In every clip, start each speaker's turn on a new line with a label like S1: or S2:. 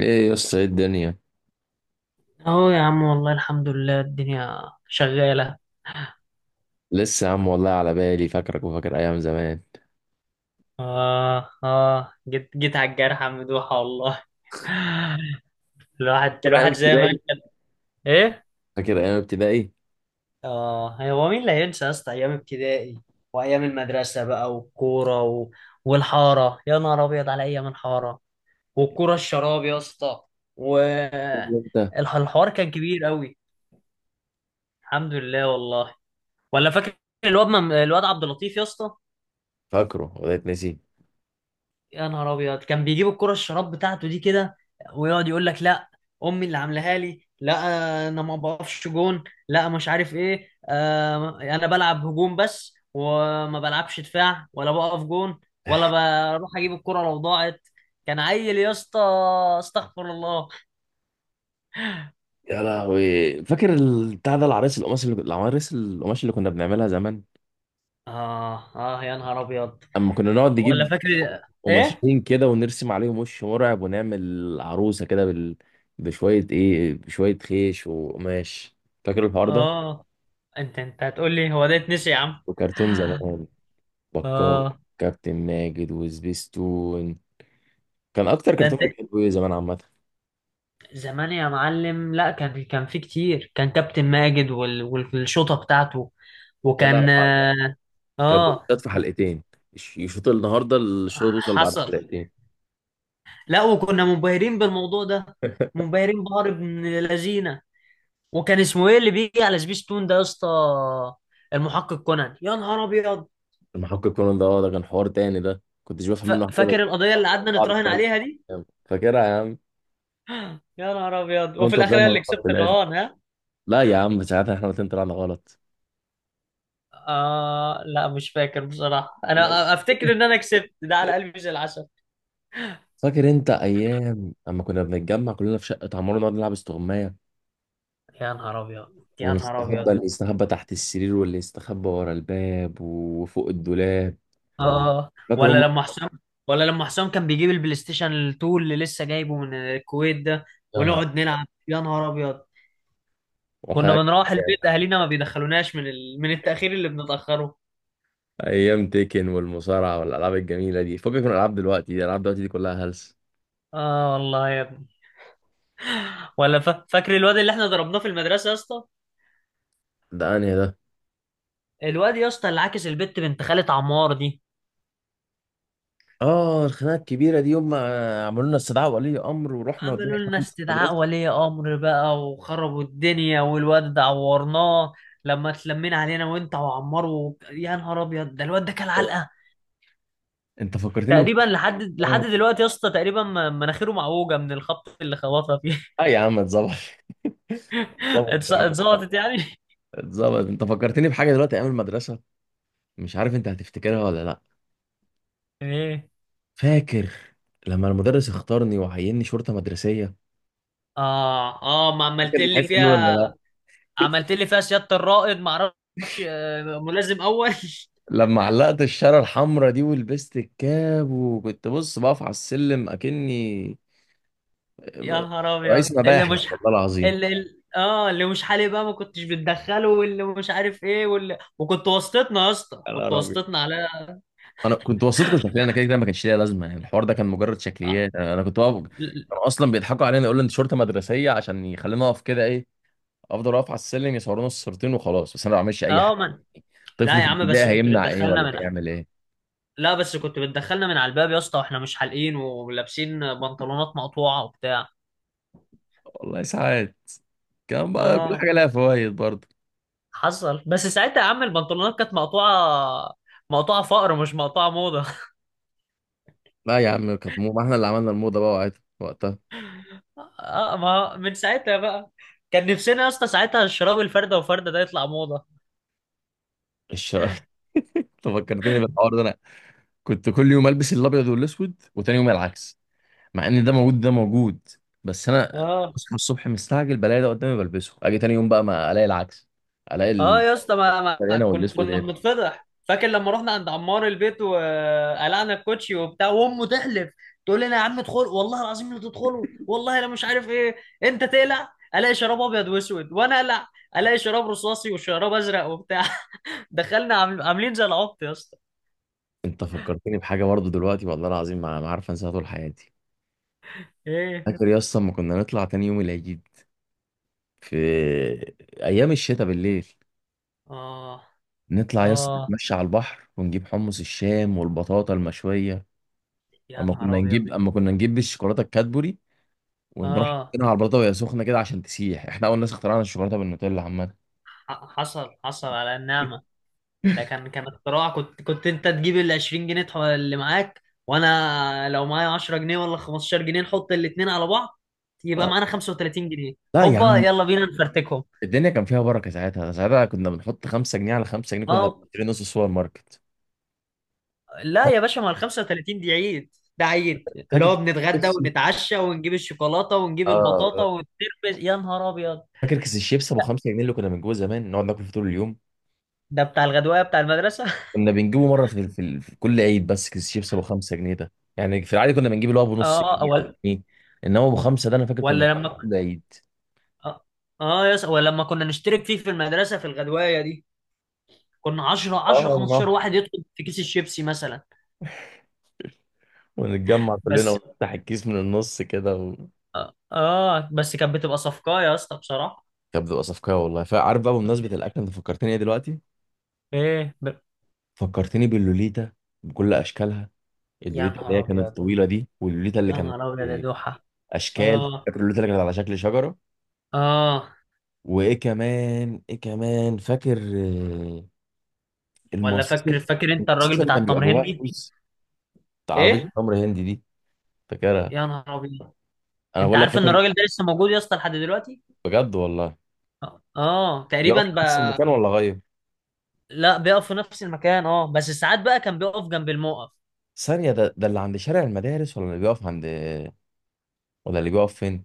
S1: ايه يا اسطى، ايه الدنيا؟
S2: اهو يا عم، والله الحمد لله الدنيا شغالة.
S1: لسه يا عم والله على بالي، فاكرك وفاكر ايام زمان.
S2: اه اه، جيت على الجرح يا مدوحة والله. الواحد
S1: فاكر ايام
S2: الواحد زي ما
S1: ابتدائي؟
S2: كان. ايه.
S1: فاكر ايام ابتدائي؟
S2: اه، هو مين اللي هينسى يا اسطى؟ ايام ابتدائي وايام المدرسة بقى والكورة و... والحارة، يا نهار ابيض على ايام الحارة والكورة الشراب يا اسطى. و
S1: انت
S2: الحوار كان كبير قوي، الحمد لله والله. ولا فاكر الواد عبد اللطيف يا اسطى؟
S1: فاكره ولا اتنسي؟
S2: يا نهار ابيض، كان بيجيب الكرة الشراب بتاعته دي كده، ويقعد يقول لك: لا، امي اللي عاملاها لي، لا انا ما بقفش جون، لا مش عارف ايه، انا بلعب هجوم بس وما بلعبش دفاع ولا بقف جون، ولا بروح اجيب الكرة لو ضاعت. كان عيل يا اسطى، استغفر الله.
S1: يا لهوي، فاكر ال- بتاع ده العرايس القماش اللي كنا بنعملها زمان.
S2: اه اه يا نهار ابيض.
S1: اما كنا نقعد
S2: ولا
S1: نجيب
S2: فاكر. ايه.
S1: قماشين كده ونرسم عليهم وش مرعب ونعمل عروسه كده بشويه خيش وقماش. فاكر الحوار ده؟
S2: اه. انت هتقول لي هو ده اتنسي يا عم؟
S1: وكرتون زمان، بكار،
S2: اه.
S1: كابتن ماجد وسبيستون. كان اكتر
S2: ده
S1: كرتون
S2: انت
S1: بتحبه ايه زمان عامه؟
S2: زمان يا معلم. لا، كان في كتير. كان كابتن ماجد والشوطة بتاعته.
S1: يا لهوي
S2: وكان
S1: عليك.
S2: اه
S1: كانت
S2: آه،
S1: بتتقال في حلقتين. يشوط النهارده الشوط، توصل بعد
S2: حصل.
S1: حلقتين.
S2: لا، وكنا منبهرين بالموضوع ده، منبهرين بهار ابن لذينه. وكان اسمه ايه اللي بيجي على سبيستون ده يا اسطى؟ المحقق كونان يا نهار ابيض.
S1: المحقق كونان ده، اه ده كان حوار تاني، ده كنتش بفهم منه حاجه بس.
S2: فاكر القضية اللي قعدنا
S1: بعد
S2: نتراهن عليها دي؟
S1: ما فاكرها يا عم.
S2: يا نهار ابيض، وفي
S1: وانت
S2: الاخر هي
S1: طلعنا
S2: اللي
S1: غلط في
S2: كسبت
S1: الاخر.
S2: الرهان، ها.
S1: لا يا عم، ساعتها احنا الاتنين طلعنا غلط.
S2: آه، لا مش فاكر بصراحة. انا افتكر ان انا كسبت، ده على قلبي زي العسل.
S1: فاكر انت ايام اما كنا بنتجمع كلنا في شقه عمار نقعد نلعب استغمايه؟
S2: يا نهار ابيض. يا نهار ابيض.
S1: ونستخبى، اللي يستخبى تحت السرير واللي يستخبى ورا الباب وفوق الدولاب.
S2: اه.
S1: فاكر
S2: ولا
S1: هم؟
S2: لما حسام ولا لما حسام كان بيجيب البلاي ستيشن 2 اللي لسه جايبه من الكويت ده،
S1: يا نهار،
S2: ونقعد نلعب يا نهار ابيض. كنا
S1: والله،
S2: بنروح البيت، اهالينا ما بيدخلوناش من التاخير اللي بنتاخره.
S1: ايام تيكن والمصارعه والالعاب الجميله دي، فكك من الالعاب دلوقتي دي، الالعاب دلوقتي دي كلها هلس.
S2: اه والله يا ابني. ولا فاكر الواد اللي احنا ضربناه في المدرسه يا اسطى؟
S1: ده انهي ده؟
S2: الواد يا اسطى اللي عاكس البت بنت خالة عمار دي.
S1: اه الخناقه الكبيره دي، يوم ما عملوا لنا استدعاء ولي امر ورحنا والدنيا
S2: عملوا لنا
S1: حرمت في
S2: استدعاء
S1: المدرسه.
S2: ولي امر بقى، وخربوا الدنيا، والواد ده عورناه. لما اتلمينا علينا، وانت وعمار، و... يا نهار ابيض ده الواد ده كان علقه.
S1: انت فكرتني
S2: تقريبا لحد دلوقتي يا اسطى، تقريبا مناخيره معوجه من الخبط اللي خبطها فيه.
S1: اه يا عم، اتظبط. اتظبط يا عم.
S2: اتظبطت يعني.
S1: اتظبط. انت فكرتني بحاجه دلوقتي، ايام المدرسه. مش عارف انت هتفتكرها ولا لا.
S2: ايه.
S1: فاكر لما المدرس اختارني وعيني شرطه مدرسيه؟
S2: اه اه، ما عملت
S1: فاكر
S2: لي
S1: الحته دي ولا
S2: فيها.
S1: لا؟
S2: عملت لي فيها سياده الرائد، ما اعرفش، ملازم اول.
S1: لما علقت الشاره الحمراء دي ولبست الكاب وكنت بص بقف على السلم اكني
S2: يا نهار ابيض
S1: رئيس
S2: اللي
S1: مباحث
S2: مش ح...
S1: والله العظيم.
S2: اللي ال- اه اللي مش حالي بقى ما كنتش بتدخله، واللي مش عارف ايه، واللي، وكنت واسطتنا يا اسطى،
S1: يا
S2: كنت
S1: نهار أبيض،
S2: واسطتنا على
S1: انا كنت وسطكم شكليا، انا كده كده ما كانش ليا لازمه، يعني الحوار ده كان مجرد
S2: اه
S1: شكليات، انا كنت واقف. كانوا اصلا بيضحكوا علينا يقولوا انت شرطه مدرسيه، عشان يخلينا اقف كده ايه. افضل اقف على السلم يصورونا الصورتين وخلاص، بس انا ما بعملش اي حاجه.
S2: من.
S1: طفل
S2: لا
S1: في
S2: يا عم،
S1: الابتدائي
S2: بس كنت
S1: هيمنع ايه
S2: بتدخلنا
S1: ولا
S2: من.
S1: هيعمل ايه؟
S2: لا، بس كنت بتدخلنا من على الباب يا اسطى، واحنا مش حالقين ولابسين بنطلونات مقطوعه وبتاع.
S1: والله ساعات كان بقى كل
S2: اه،
S1: حاجه لها فوائد برضه.
S2: حصل. بس ساعتها يا عم البنطلونات كانت مقطوعه، مقطوعه فقر مش مقطوعه موضه.
S1: لا يا عم، كانت مو، ما احنا اللي عملنا الموضه بقى وقتها.
S2: اه، ما من ساعتها بقى. كان نفسنا يا اسطى ساعتها الشراب الفردة وفردة ده يطلع موضة.
S1: الش- انت فكرتني بالحوار ده. انا كنت كل يوم البس الابيض والاسود وتاني يوم العكس. مع ان ده موجود، ده موجود. بس انا
S2: اه
S1: اصحى الصبح مستعجل بلاقي ده قدامي بلبسه، اجي تاني يوم بقى ما الاقي العكس، الاقي
S2: اه يا اسطى ما, ما
S1: البريانه
S2: كن
S1: والاسود
S2: كنا
S1: ايه.
S2: بنتفضح. فاكر لما رحنا عند عمار البيت، وقلعنا الكوتشي وبتاع، وامه تحلف، تقول لنا: يا عم ادخل، والله العظيم لا تدخلوا، والله انا مش عارف ايه. انت تقلع الاقي شراب ابيض واسود، وانا اقلع الاقي شراب رصاصي وشراب ازرق وبتاع. دخلنا عاملين زي العبط يا اسطى.
S1: انت فكرتني بحاجه برضه دلوقتي، والله العظيم ما عارف انساها طول حياتي.
S2: ايه.
S1: فاكر يا اسطى لما كنا نطلع تاني يوم العيد، في ايام الشتاء بالليل،
S2: اه
S1: نطلع يا اسطى
S2: اه
S1: نتمشى على البحر ونجيب حمص الشام والبطاطا المشويه.
S2: يا
S1: اما كنا
S2: نهار ابيض.
S1: نجيب اما كنا نجيب الشوكولاته الكادبوري ونروح
S2: اه.
S1: نحطها على البطاطا وهي سخنه كده عشان تسيح. احنا اول ناس اخترعنا الشوكولاته بالنوتيلا عامه.
S2: حصل على النعمة. ده كان اختراع. كنت انت تجيب ال 20 جنيه اللي معاك، وانا لو معايا 10 جنيه ولا 15 جنيه نحط الاتنين على بعض يبقى معانا 35 جنيه.
S1: لا يا
S2: هوبا،
S1: عم.
S2: يلا بينا نفرتكهم.
S1: الدنيا كان فيها بركه ساعتها، ساعتها كنا بنحط 5 جنيه على 5 جنيه كنا
S2: اه.
S1: بنشتري نص سوبر ماركت.
S2: لا يا باشا، ما ال 35 دي عيد. ده عيد، اللي
S1: فاكر
S2: هو
S1: كيس
S2: بنتغدى
S1: الشيبسي؟
S2: ونتعشى ونجيب الشوكولاته ونجيب
S1: اه.
S2: البطاطا ونتربس يا نهار ابيض.
S1: فاكر كيس الشيبس ابو 5 جنيه اللي كنا بنجيبه زمان نقعد ناكل فيه طول اليوم.
S2: ده بتاع الغدوايه بتاع المدرسه.
S1: كنا بنجيبه مره في كل عيد، بس كيس الشيبس ابو 5 جنيه ده يعني، في العادي كنا بنجيب اللي هو ابو نص
S2: اه.
S1: جنيه او
S2: ولا
S1: جنيه. انما ابو 5 ده انا فاكر كنا
S2: ولا
S1: بنجيبه
S2: لما
S1: كل عيد.
S2: اه، آه يس ولا لما كنا نشترك فيه في المدرسه في الغدوايه دي. كنا 10
S1: اه
S2: 10 15
S1: والله،
S2: واحد يدخل في كيس الشيبسي مثلا.
S1: ونتجمع كلنا
S2: بس
S1: ونفتح الكيس من النص كده.
S2: اه بس كانت بتبقى صفقة يا اسطى بصراحة.
S1: كانت بتبقى صفقه والله. فعارف بقى بمناسبه الاكل، انت فكرتني ايه دلوقتي؟
S2: ايه
S1: فكرتني باللوليتا بكل اشكالها.
S2: يا
S1: اللوليتا اللي
S2: نهار
S1: هي كانت
S2: ابيض،
S1: الطويله دي، واللوليتا اللي
S2: يا
S1: كانت،
S2: نهار ابيض يا
S1: آه،
S2: دوحة.
S1: اشكال.
S2: اه
S1: فاكر اللوليتا اللي كانت على شكل شجره؟
S2: اه.
S1: وايه كمان، ايه كمان فاكر؟ آه،
S2: ولا
S1: المصاصه،
S2: فاكر فاكر انت الراجل
S1: المصاصه اللي
S2: بتاع
S1: كان بيبقى
S2: التمر
S1: جواها
S2: هندي؟
S1: فلوس، بتاع عربيه
S2: ايه.
S1: تمر هندي دي. فاكرها؟
S2: يا نهار ابيض.
S1: انا
S2: انت
S1: بقول لك
S2: عارف ان
S1: فاكر.
S2: الراجل ده لسه موجود يا اسطى لحد دلوقتي.
S1: بجد والله.
S2: اه،
S1: بيقف
S2: تقريبا
S1: في نفس
S2: بقى.
S1: المكان ولا غير؟
S2: لا، بيقف في نفس المكان، اه، بس ساعات بقى كان بيقف جنب الموقف.
S1: ثانيه، ده ده اللي عند شارع المدارس ولا اللي بيقف عند ولا اللي بيقف فين؟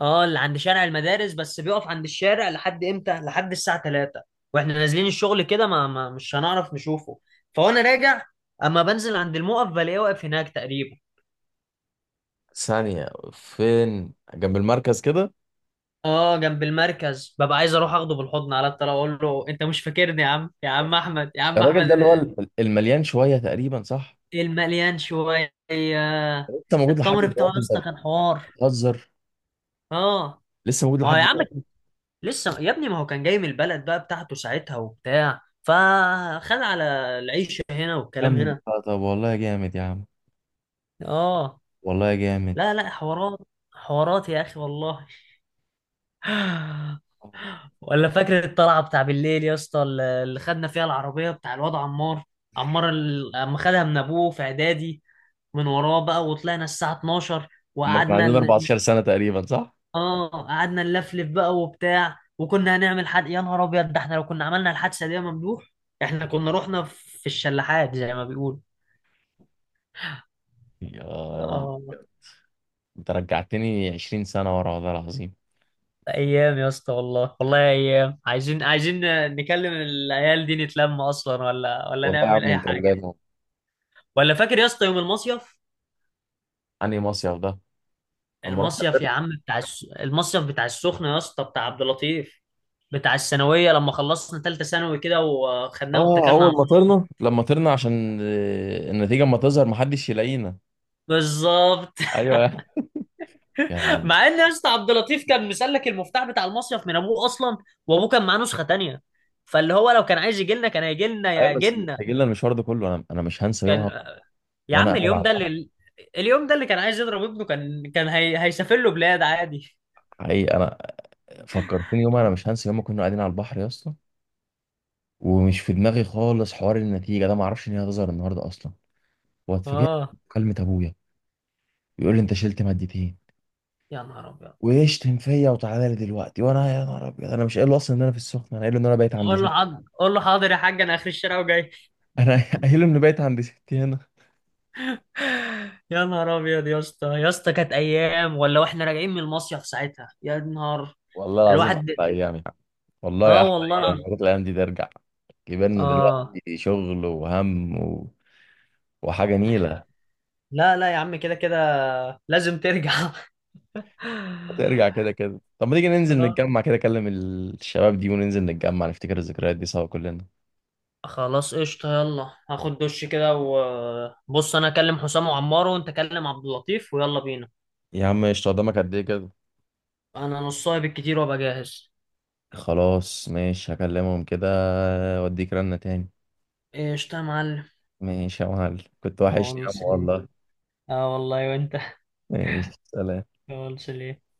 S2: اه، اللي عند شارع المدارس، بس بيقف عند الشارع لحد امتى؟ لحد الساعة 3، واحنا نازلين الشغل كده ما مش هنعرف نشوفه. فوانا راجع اما بنزل عند الموقف بلاقيه واقف هناك تقريبا.
S1: ثانيه، فين جنب المركز كده؟
S2: اه، جنب المركز. ببقى عايز اروح اخده بالحضن على الطلاق، اقول له: انت مش فاكرني يا عم؟ يا عم احمد، يا عم
S1: الراجل
S2: احمد.
S1: ده اللي هو المليان شويه تقريبا، صح؟
S2: المليان شوية.
S1: انت موجود لحد
S2: التمر بتاعه يا
S1: دلوقتي انت؟
S2: اسطى كان حوار.
S1: بتهزر؟
S2: اه.
S1: لسه موجود
S2: ما هو
S1: لحد
S2: يا عم،
S1: دلوقتي؟
S2: لسه يا ابني، ما هو كان جاي من البلد بقى بتاعته ساعتها وبتاع، فخد على العيشة هنا والكلام
S1: كمل،
S2: هنا.
S1: آه، طب والله جامد يا عم.
S2: اه.
S1: والله جامد.
S2: لا لا، حوارات، حوارات يا اخي والله. ولا فاكر الطلعه بتاع بالليل يا اسطى، اللي خدنا فيها العربيه بتاع الواد عمار؟ عمار اما خدها من ابوه في اعدادي، من وراه بقى، وطلعنا الساعه 12،
S1: ما كان
S2: وقعدنا
S1: عندنا 14 سنة تقريبا صح؟
S2: اه، قعدنا نلفلف بقى وبتاع، وكنا هنعمل حد. يا نهار ابيض، ده احنا لو كنا عملنا الحادثه دي يا ممدوح، احنا كنا رحنا في الشلاحات زي ما بيقول.
S1: يا يلا. انت رجعتني 20 سنة ورا والله العظيم.
S2: ايام يا اسطى والله، والله ايام. عايزين عايزين نكلم العيال دي، نتلم اصلا، ولا
S1: والله يا
S2: نعمل
S1: عم
S2: اي
S1: انت
S2: حاجه.
S1: اللي.
S2: ولا فاكر يا اسطى يوم المصيف؟
S1: انهي مصيف ده؟ اما رحت.
S2: المصيف يا عم بتاع المصيف بتاع السخنه يا اسطى، بتاع عبد اللطيف، بتاع الثانويه، لما خلصنا ثالثه ثانوي كده وخدناه
S1: اه،
S2: واتكلنا
S1: اول
S2: على
S1: ما
S2: الله.
S1: طرنا، لما طرنا عشان آه، النتيجة اما تظهر محدش يلاقينا.
S2: بالظبط.
S1: ايوه يا عم.
S2: مع ان يا اسطى عبد اللطيف كان مسلك المفتاح بتاع المصيف من ابوه اصلا، وابوه كان معاه نسخه تانيه. فاللي هو لو كان عايز يجي لنا كان هيجي لنا
S1: ايوه
S2: يا
S1: بس
S2: جنة.
S1: مستعجلنا المشوار ده كله، انا مش هنسى يومها.
S2: كان. يا
S1: وانا
S2: عم
S1: قاعد على
S2: اليوم ده
S1: البحر.
S2: اللي، اليوم ده اللي كان عايز يضرب ابنه، كان هيسافر له بلاد عادي.
S1: حقيقي انا فكرتني يومها، انا مش هنسى يوم ما كنا قاعدين على البحر يا اسطى، ومش في دماغي خالص حوار النتيجه ده، ما اعرفش ان هي هتظهر النهارده اصلا. واتفاجئت
S2: اه،
S1: بمكالمه ابويا يقول لي انت شلت مادتين،
S2: يا نهار ابيض.
S1: ويشتم فيا وتعالى لي دلوقتي، وانا يا نهار ابيض انا مش قايل له اصلا ان انا في السخنه، انا قايل له ان انا بايت عند
S2: قول
S1: ستي.
S2: له حاضر، قول له حاضر يا حاج، انا اخر الشارع وجاي.
S1: انا قايل له ان بايت عند ستي هنا.
S2: يا نهار ابيض يا اسطى، يا اسطى كانت ايام. ولا واحنا راجعين من المصيف ساعتها، يا نهار،
S1: والله العظيم
S2: الواحد.
S1: احلى ايام يا عم. والله
S2: اه
S1: احلى
S2: والله
S1: ايام. يا
S2: العظيم.
S1: ريت الايام دي ترجع. كبرنا
S2: اه،
S1: دلوقتي، شغل وهم وحاجه نيله.
S2: لا لا يا عم، كده كده لازم ترجع.
S1: هترجع كده كده. طب ما تيجي ننزل
S2: آه.
S1: نتجمع كده، اكلم الشباب دي وننزل نتجمع نفتكر الذكريات دي سوا كلنا.
S2: خلاص قشطة، يلا هاخد دش كده وبص، انا اكلم حسام وعمار، وانت كلم عبد اللطيف ويلا بينا.
S1: يا عم مش قدامك قد ايه كده؟
S2: انا نصها بالكتير وابقى جاهز.
S1: خلاص ماشي، هكلمهم كده واديك رنة تاني.
S2: ايش يا معلم.
S1: ماشي يا معلم. كنت
S2: ما هو
S1: وحشني يا عم
S2: نص ليه.
S1: والله.
S2: اه والله وانت.
S1: ماشي، سلام.
S2: ما هو نص ليه.